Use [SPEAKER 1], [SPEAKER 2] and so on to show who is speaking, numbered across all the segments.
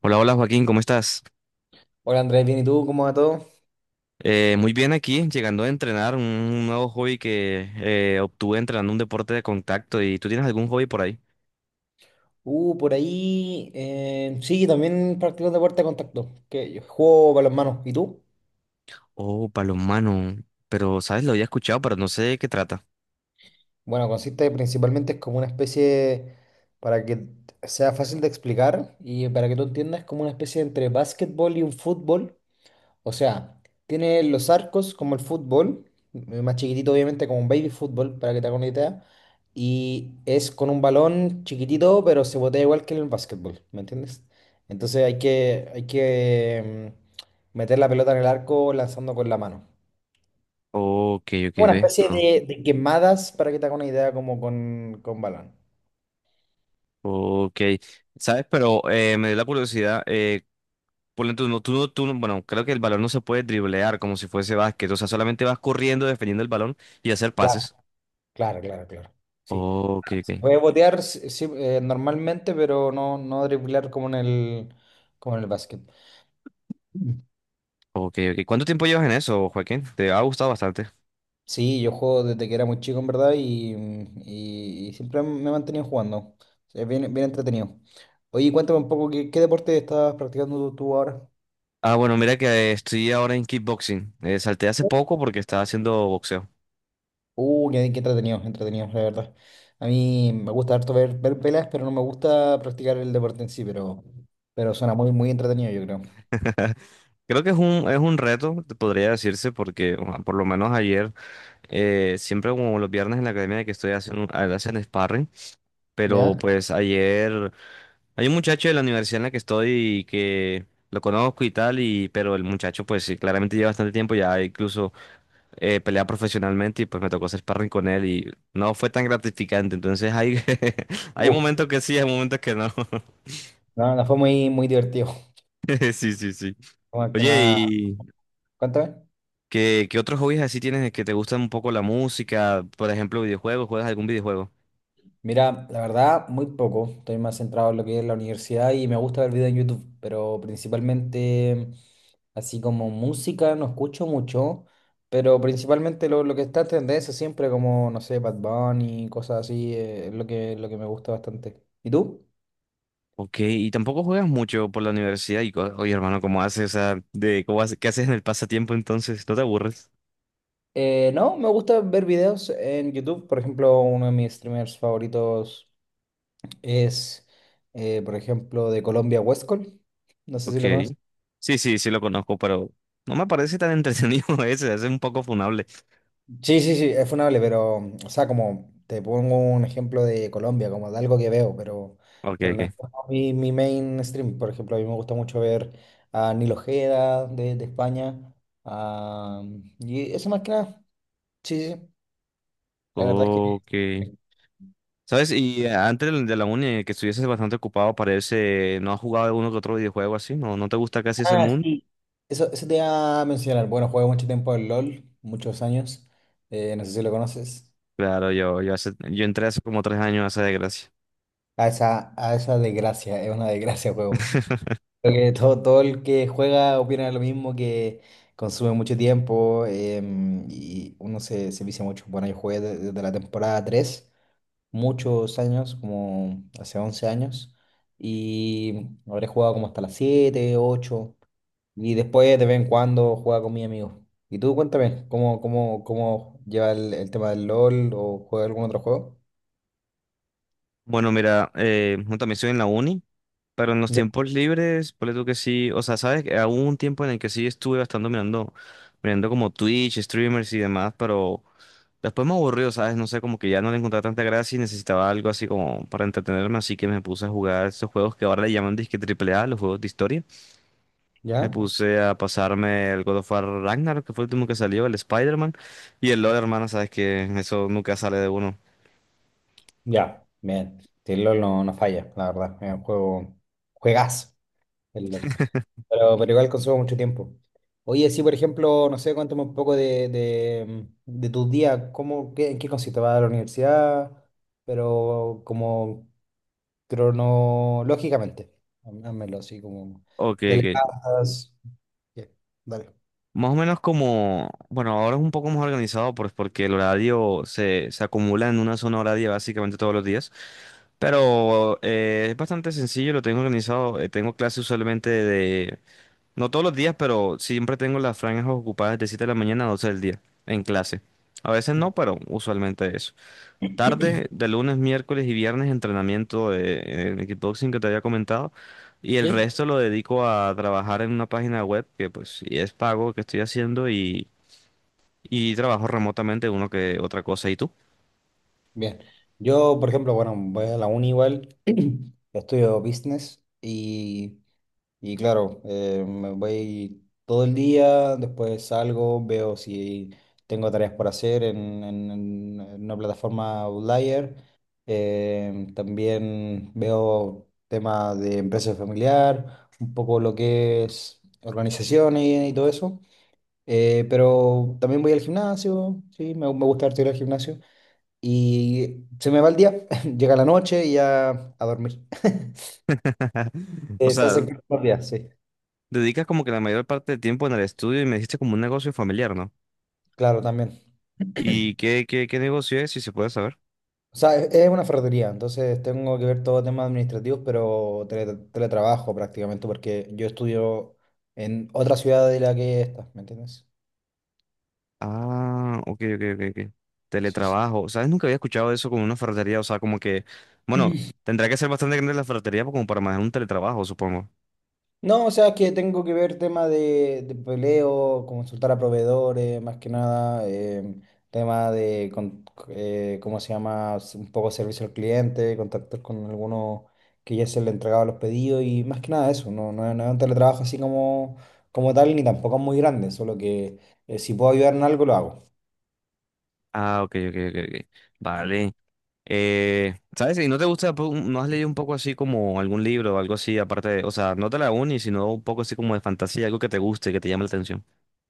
[SPEAKER 1] Hola, hola Joaquín, ¿cómo estás?
[SPEAKER 2] Hola Andrés, bien, ¿y tú? ¿Cómo va todo?
[SPEAKER 1] Muy bien aquí, llegando a entrenar un nuevo hobby que obtuve entrenando un deporte de contacto. ¿Y tú tienes algún hobby por ahí?
[SPEAKER 2] Por ahí, sí, también practico deporte de contacto, que yo juego balonmano. ¿Y tú?
[SPEAKER 1] Oh, palomano. Pero, ¿sabes? Lo había escuchado, pero no sé de qué trata.
[SPEAKER 2] Bueno, consiste principalmente es como una especie, para que sea fácil de explicar y para que tú entiendas, como una especie entre básquetbol y un fútbol. O sea, tiene los arcos como el fútbol, más chiquitito obviamente como un baby fútbol, para que te hagas una idea. Y es con un balón chiquitito, pero se botea igual que en el básquetbol, ¿me entiendes? Entonces hay que meter la pelota en el arco lanzando con la mano.
[SPEAKER 1] Ok, ok,
[SPEAKER 2] Una
[SPEAKER 1] ve.
[SPEAKER 2] especie
[SPEAKER 1] No.
[SPEAKER 2] de quemadas, para que te hagas una idea, como con balón.
[SPEAKER 1] Ok. ¿Sabes? Pero me dio la curiosidad. Por dentro, no, bueno, creo que el balón no se puede driblear como si fuese básquet. O sea, solamente vas corriendo, defendiendo el balón y hacer
[SPEAKER 2] Claro,
[SPEAKER 1] pases.
[SPEAKER 2] claro, claro, claro. Sí.
[SPEAKER 1] Ok, ok.
[SPEAKER 2] Voy a botear, sí, sí, normalmente, pero no, no driblar como en el básquet.
[SPEAKER 1] Ok, ok. ¿Cuánto tiempo llevas en eso, Joaquín? Te ha gustado bastante.
[SPEAKER 2] Sí, yo juego desde que era muy chico, en verdad, y siempre me he mantenido jugando. Es bien, bien entretenido. Oye, cuéntame un poco, ¿qué deporte estás practicando tú ahora?
[SPEAKER 1] Ah, bueno, mira que estoy ahora en kickboxing. Salté hace poco porque estaba haciendo boxeo.
[SPEAKER 2] Qué, qué entretenido, entretenido, la verdad. A mí me gusta harto ver, ver peleas, pero no me gusta practicar el deporte en sí, pero suena muy, muy entretenido, yo creo.
[SPEAKER 1] Creo que es un reto, te podría decirse, porque o sea, por lo menos ayer, siempre como los viernes en la academia que estoy haciendo, hacen sparring, pero
[SPEAKER 2] ¿Ya?
[SPEAKER 1] pues ayer hay un muchacho de la universidad en la que estoy y que lo conozco y tal, y, pero el muchacho pues sí, claramente lleva bastante tiempo, ya incluso pelea profesionalmente y pues me tocó hacer sparring con él y no fue tan gratificante, entonces hay, hay
[SPEAKER 2] Uh,
[SPEAKER 1] momentos que sí, hay momentos que no.
[SPEAKER 2] no, no fue muy, muy divertido.
[SPEAKER 1] Sí, sí, sí.
[SPEAKER 2] Más que
[SPEAKER 1] Oye,
[SPEAKER 2] nada,
[SPEAKER 1] ¿y
[SPEAKER 2] cuéntame.
[SPEAKER 1] qué otros hobbies así tienes que te gustan un poco la música? Por ejemplo, videojuegos, ¿juegas algún videojuego?
[SPEAKER 2] Mira, la verdad, muy poco. Estoy más centrado en lo que es la universidad y me gusta ver videos en YouTube, pero principalmente así como música no escucho mucho, pero principalmente lo que está en tendencia siempre como, no sé, Bad Bunny, cosas así, es lo que me gusta bastante. ¿Y tú?
[SPEAKER 1] Ok, y tampoco juegas mucho por la universidad y, oye, hermano, ¿cómo haces esa de cómo haces, qué haces en el pasatiempo entonces? ¿No te aburres?
[SPEAKER 2] No, me gusta ver videos en YouTube. Por ejemplo, uno de mis streamers favoritos es, por ejemplo, de Colombia, Westcol. No sé si
[SPEAKER 1] Ok.
[SPEAKER 2] lo conoces.
[SPEAKER 1] Sí, sí, sí lo conozco, pero no me parece tan entretenido ese es un poco funable.
[SPEAKER 2] Sí, sí, sí, es funable, pero, o sea, como te pongo un ejemplo de Colombia, como de algo que veo,
[SPEAKER 1] Ok,
[SPEAKER 2] pero no es
[SPEAKER 1] ok.
[SPEAKER 2] como mi mainstream. Por ejemplo, a mí me gusta mucho ver a Nil Ojeda de España. A Y eso más que nada, sí, sí, sí, la verdad es que...
[SPEAKER 1] Ok. ¿Sabes? Y antes de la uni, que estuvieses bastante ocupado, parece, ¿no has jugado uno que otro videojuego así? ¿No, no te gusta casi ese
[SPEAKER 2] Ah,
[SPEAKER 1] mundo?
[SPEAKER 2] sí. Eso te iba a mencionar. Bueno, jugué mucho tiempo al LOL, muchos años. Eh, no sé si lo conoces.
[SPEAKER 1] Claro, yo entré hace como 3 años a esa desgracia.
[SPEAKER 2] A esa desgracia, es una desgracia el juego. Creo que todo, todo el que juega opina lo mismo, que consume mucho tiempo, y uno se vicia mucho. Bueno, yo jugué desde la temporada 3 muchos años, como hace 11 años, y habré jugado como hasta las 7 8 y después de vez en cuando jugaba con mis amigos. Y tú cuéntame, ¿cómo lleva el tema del LOL o juega algún otro juego?
[SPEAKER 1] Bueno, mira, yo también estoy en la uni, pero en los
[SPEAKER 2] ¿Ya?
[SPEAKER 1] tiempos libres, ponle tú que sí, o sea, sabes que hubo un tiempo en el que sí estuve bastante mirando como Twitch, streamers y demás, pero después me aburrió, ¿sabes? No sé, como que ya no le encontraba tanta gracia y necesitaba algo así como para entretenerme, así que me puse a jugar esos juegos que ahora le llaman disque triple A, los juegos de historia. Me
[SPEAKER 2] ¿Ya?
[SPEAKER 1] puse a pasarme el God of War Ragnar, que fue el último que salió, el Spider-Man. Y el LoL, hermano, sabes que eso nunca sale de uno.
[SPEAKER 2] Ya, bien. Sí, el LOL no, no falla, la verdad, es un juego, juegazo. El LOL. Pero igual consumo mucho tiempo. Oye, sí, por ejemplo, no sé, cuéntame un poco de tus días, cómo, qué, en qué consiste, vas a la universidad, pero como cronológicamente, házmelo así como,
[SPEAKER 1] Ok,
[SPEAKER 2] te
[SPEAKER 1] ok.
[SPEAKER 2] levantas, bien, dale.
[SPEAKER 1] Más o menos como, bueno, ahora es un poco más organizado pues, porque el horario se, se acumula en una zona horaria básicamente todos los días. Pero es bastante sencillo, lo tengo organizado. Tengo clases usualmente de, no todos los días, pero siempre tengo las franjas ocupadas de 7 de la mañana a 12 del día en clase. A veces
[SPEAKER 2] Ya.
[SPEAKER 1] no, pero usualmente eso. Tarde, de lunes, miércoles y viernes, entrenamiento de, en kickboxing que te había comentado. Y el
[SPEAKER 2] ¿Sí?
[SPEAKER 1] resto lo dedico a trabajar en una página web que pues sí es pago que estoy haciendo y trabajo remotamente uno que otra cosa. ¿Y tú?
[SPEAKER 2] Bien. Yo, por ejemplo, bueno, voy a la uni igual, estudio business y... Y claro, me voy todo el día, después salgo, veo si tengo tareas por hacer en una plataforma Outlier. También veo temas de empresa familiar, un poco lo que es organizaciones y todo eso. Pero también voy al gimnasio, sí, me gusta harto ir al gimnasio. Y se me va el día, llega la noche y ya a dormir.
[SPEAKER 1] O
[SPEAKER 2] Se
[SPEAKER 1] sea,
[SPEAKER 2] hacen cortos los días, sí,
[SPEAKER 1] dedicas como que la mayor parte del tiempo en el estudio y me dijiste como un negocio familiar, ¿no?
[SPEAKER 2] claro, también.
[SPEAKER 1] ¿Y qué negocio es, si se puede saber?
[SPEAKER 2] O sea, es una ferretería, entonces tengo que ver todo temas administrativos, pero teletrabajo prácticamente, porque yo estudio en otra ciudad de la que esta, ¿me entiendes?
[SPEAKER 1] Ah, ok, ok, ok, ok.
[SPEAKER 2] Sí, sí.
[SPEAKER 1] Teletrabajo. ¿Sabes? Nunca había escuchado eso como una ferretería. O sea, como que, bueno, tendrá que ser bastante grande la ferretería como para manejar un teletrabajo, supongo.
[SPEAKER 2] No, o sea, que tengo que ver tema de peleo, consultar a proveedores, más que nada, tema de, ¿cómo se llama? Un poco servicio al cliente, contactos con algunos que ya se le entregaba los pedidos y más que nada eso, no, no, no es un teletrabajo así como, como tal ni tampoco es muy grande, solo que si puedo ayudar en algo lo hago.
[SPEAKER 1] Ah, ok, ok, ok, ok. Vale. ¿Sabes? ¿Y no te gusta, no has leído un poco así como algún libro o algo así, aparte de, o sea, no de la uni, sino un poco así como de fantasía, algo que te guste, que te llame la atención?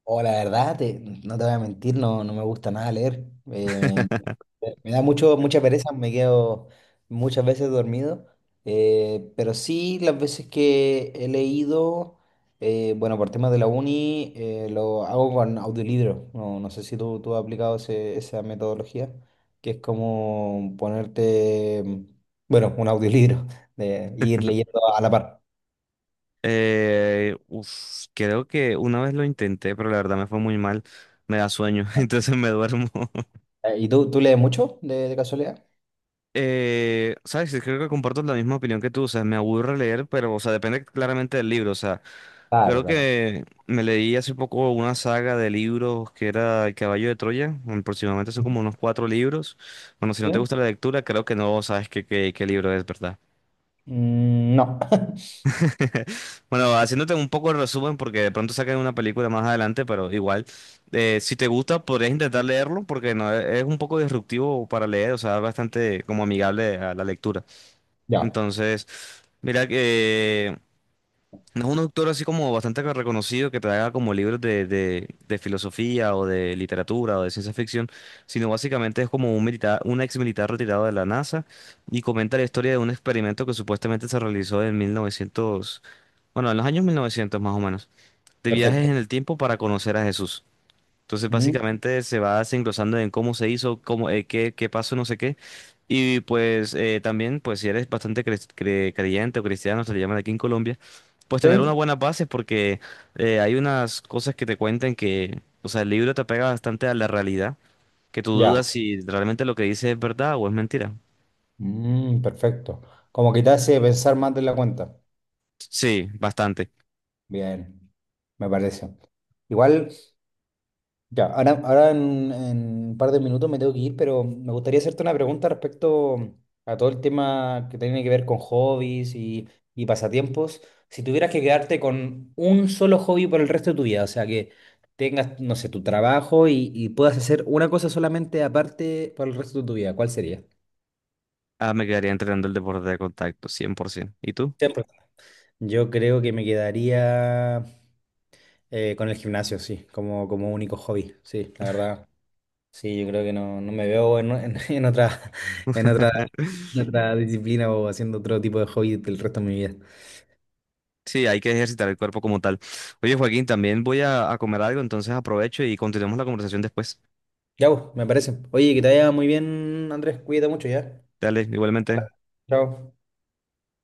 [SPEAKER 2] O la verdad, no te voy a mentir, no, no me gusta nada leer. Me da mucho, mucha pereza, me quedo muchas veces dormido, pero sí las veces que he leído, bueno, por temas de la uni, lo hago con audiolibro. No, no sé si tú has aplicado esa metodología, que es como ponerte, bueno, un audiolibro, de ir leyendo a la par.
[SPEAKER 1] Uf, creo que una vez lo intenté, pero la verdad me fue muy mal. Me da sueño,
[SPEAKER 2] Ah.
[SPEAKER 1] entonces me duermo.
[SPEAKER 2] ¿Y tú lees mucho de casualidad?
[SPEAKER 1] ¿Sabes? Sí, creo que comparto la misma opinión que tú, o sea, me aburre leer, pero, o sea, depende claramente del libro, o sea,
[SPEAKER 2] Claro,
[SPEAKER 1] creo
[SPEAKER 2] claro.
[SPEAKER 1] que me leí hace poco una saga de libros que era El Caballo de Troya, aproximadamente son como unos cuatro libros, bueno, si no
[SPEAKER 2] ¿Sí?
[SPEAKER 1] te gusta la lectura, creo que no sabes qué libro es, ¿verdad?
[SPEAKER 2] Mm, no.
[SPEAKER 1] Bueno, haciéndote un poco el resumen, porque de pronto sacan una película más adelante, pero igual, si te gusta, podrías intentar leerlo, porque no, es un poco disruptivo para leer, o sea, es bastante como amigable a la lectura.
[SPEAKER 2] Ya,
[SPEAKER 1] Entonces, mira que no es un autor así como bastante reconocido que te haga como libros de filosofía o de literatura o de ciencia ficción, sino básicamente es como un militar, un ex militar retirado de la NASA y comenta la historia de un experimento que supuestamente se realizó en 1900, bueno, en los años 1900 más o menos, de viajes
[SPEAKER 2] perfecto.
[SPEAKER 1] en el tiempo para conocer a Jesús. Entonces,
[SPEAKER 2] Mm,
[SPEAKER 1] básicamente se va desenglosando en cómo se hizo, cómo, qué pasó, no sé qué. Y pues también, pues si eres bastante creyente o cristiano, se le llaman aquí en Colombia, pues tener
[SPEAKER 2] sí,
[SPEAKER 1] unas buenas bases porque hay unas cosas que te cuentan que, o sea, el libro te pega bastante a la realidad, que tú dudas
[SPEAKER 2] ya.
[SPEAKER 1] si realmente lo que dice es verdad o es mentira.
[SPEAKER 2] Mm, perfecto. Como que te hace pensar más de la cuenta.
[SPEAKER 1] Sí, bastante.
[SPEAKER 2] Bien, me parece. Igual, ya, en un par de minutos me tengo que ir, pero me gustaría hacerte una pregunta respecto a todo el tema que tiene que ver con hobbies y pasatiempos. Si tuvieras que quedarte con un solo hobby por el resto de tu vida, o sea, que tengas, no sé, tu trabajo y puedas hacer una cosa solamente aparte por el resto de tu vida, ¿cuál sería?
[SPEAKER 1] Ah, me quedaría entrenando el deporte de contacto, 100%. ¿Y tú?
[SPEAKER 2] Siempre. Yo creo que me quedaría. Con el gimnasio, sí, como, como único hobby, sí, la verdad. Sí, yo creo que no, no me veo en, en otra, en otra, en otra disciplina o haciendo otro tipo de hobby del resto de mi vida.
[SPEAKER 1] Sí, hay que ejercitar el cuerpo como tal. Oye, Joaquín, también voy a comer algo, entonces aprovecho y continuamos la conversación después.
[SPEAKER 2] Ya, pues, me parece. Oye, que te vaya muy bien, Andrés, cuídate mucho ya.
[SPEAKER 1] Dale, igualmente.
[SPEAKER 2] Chao.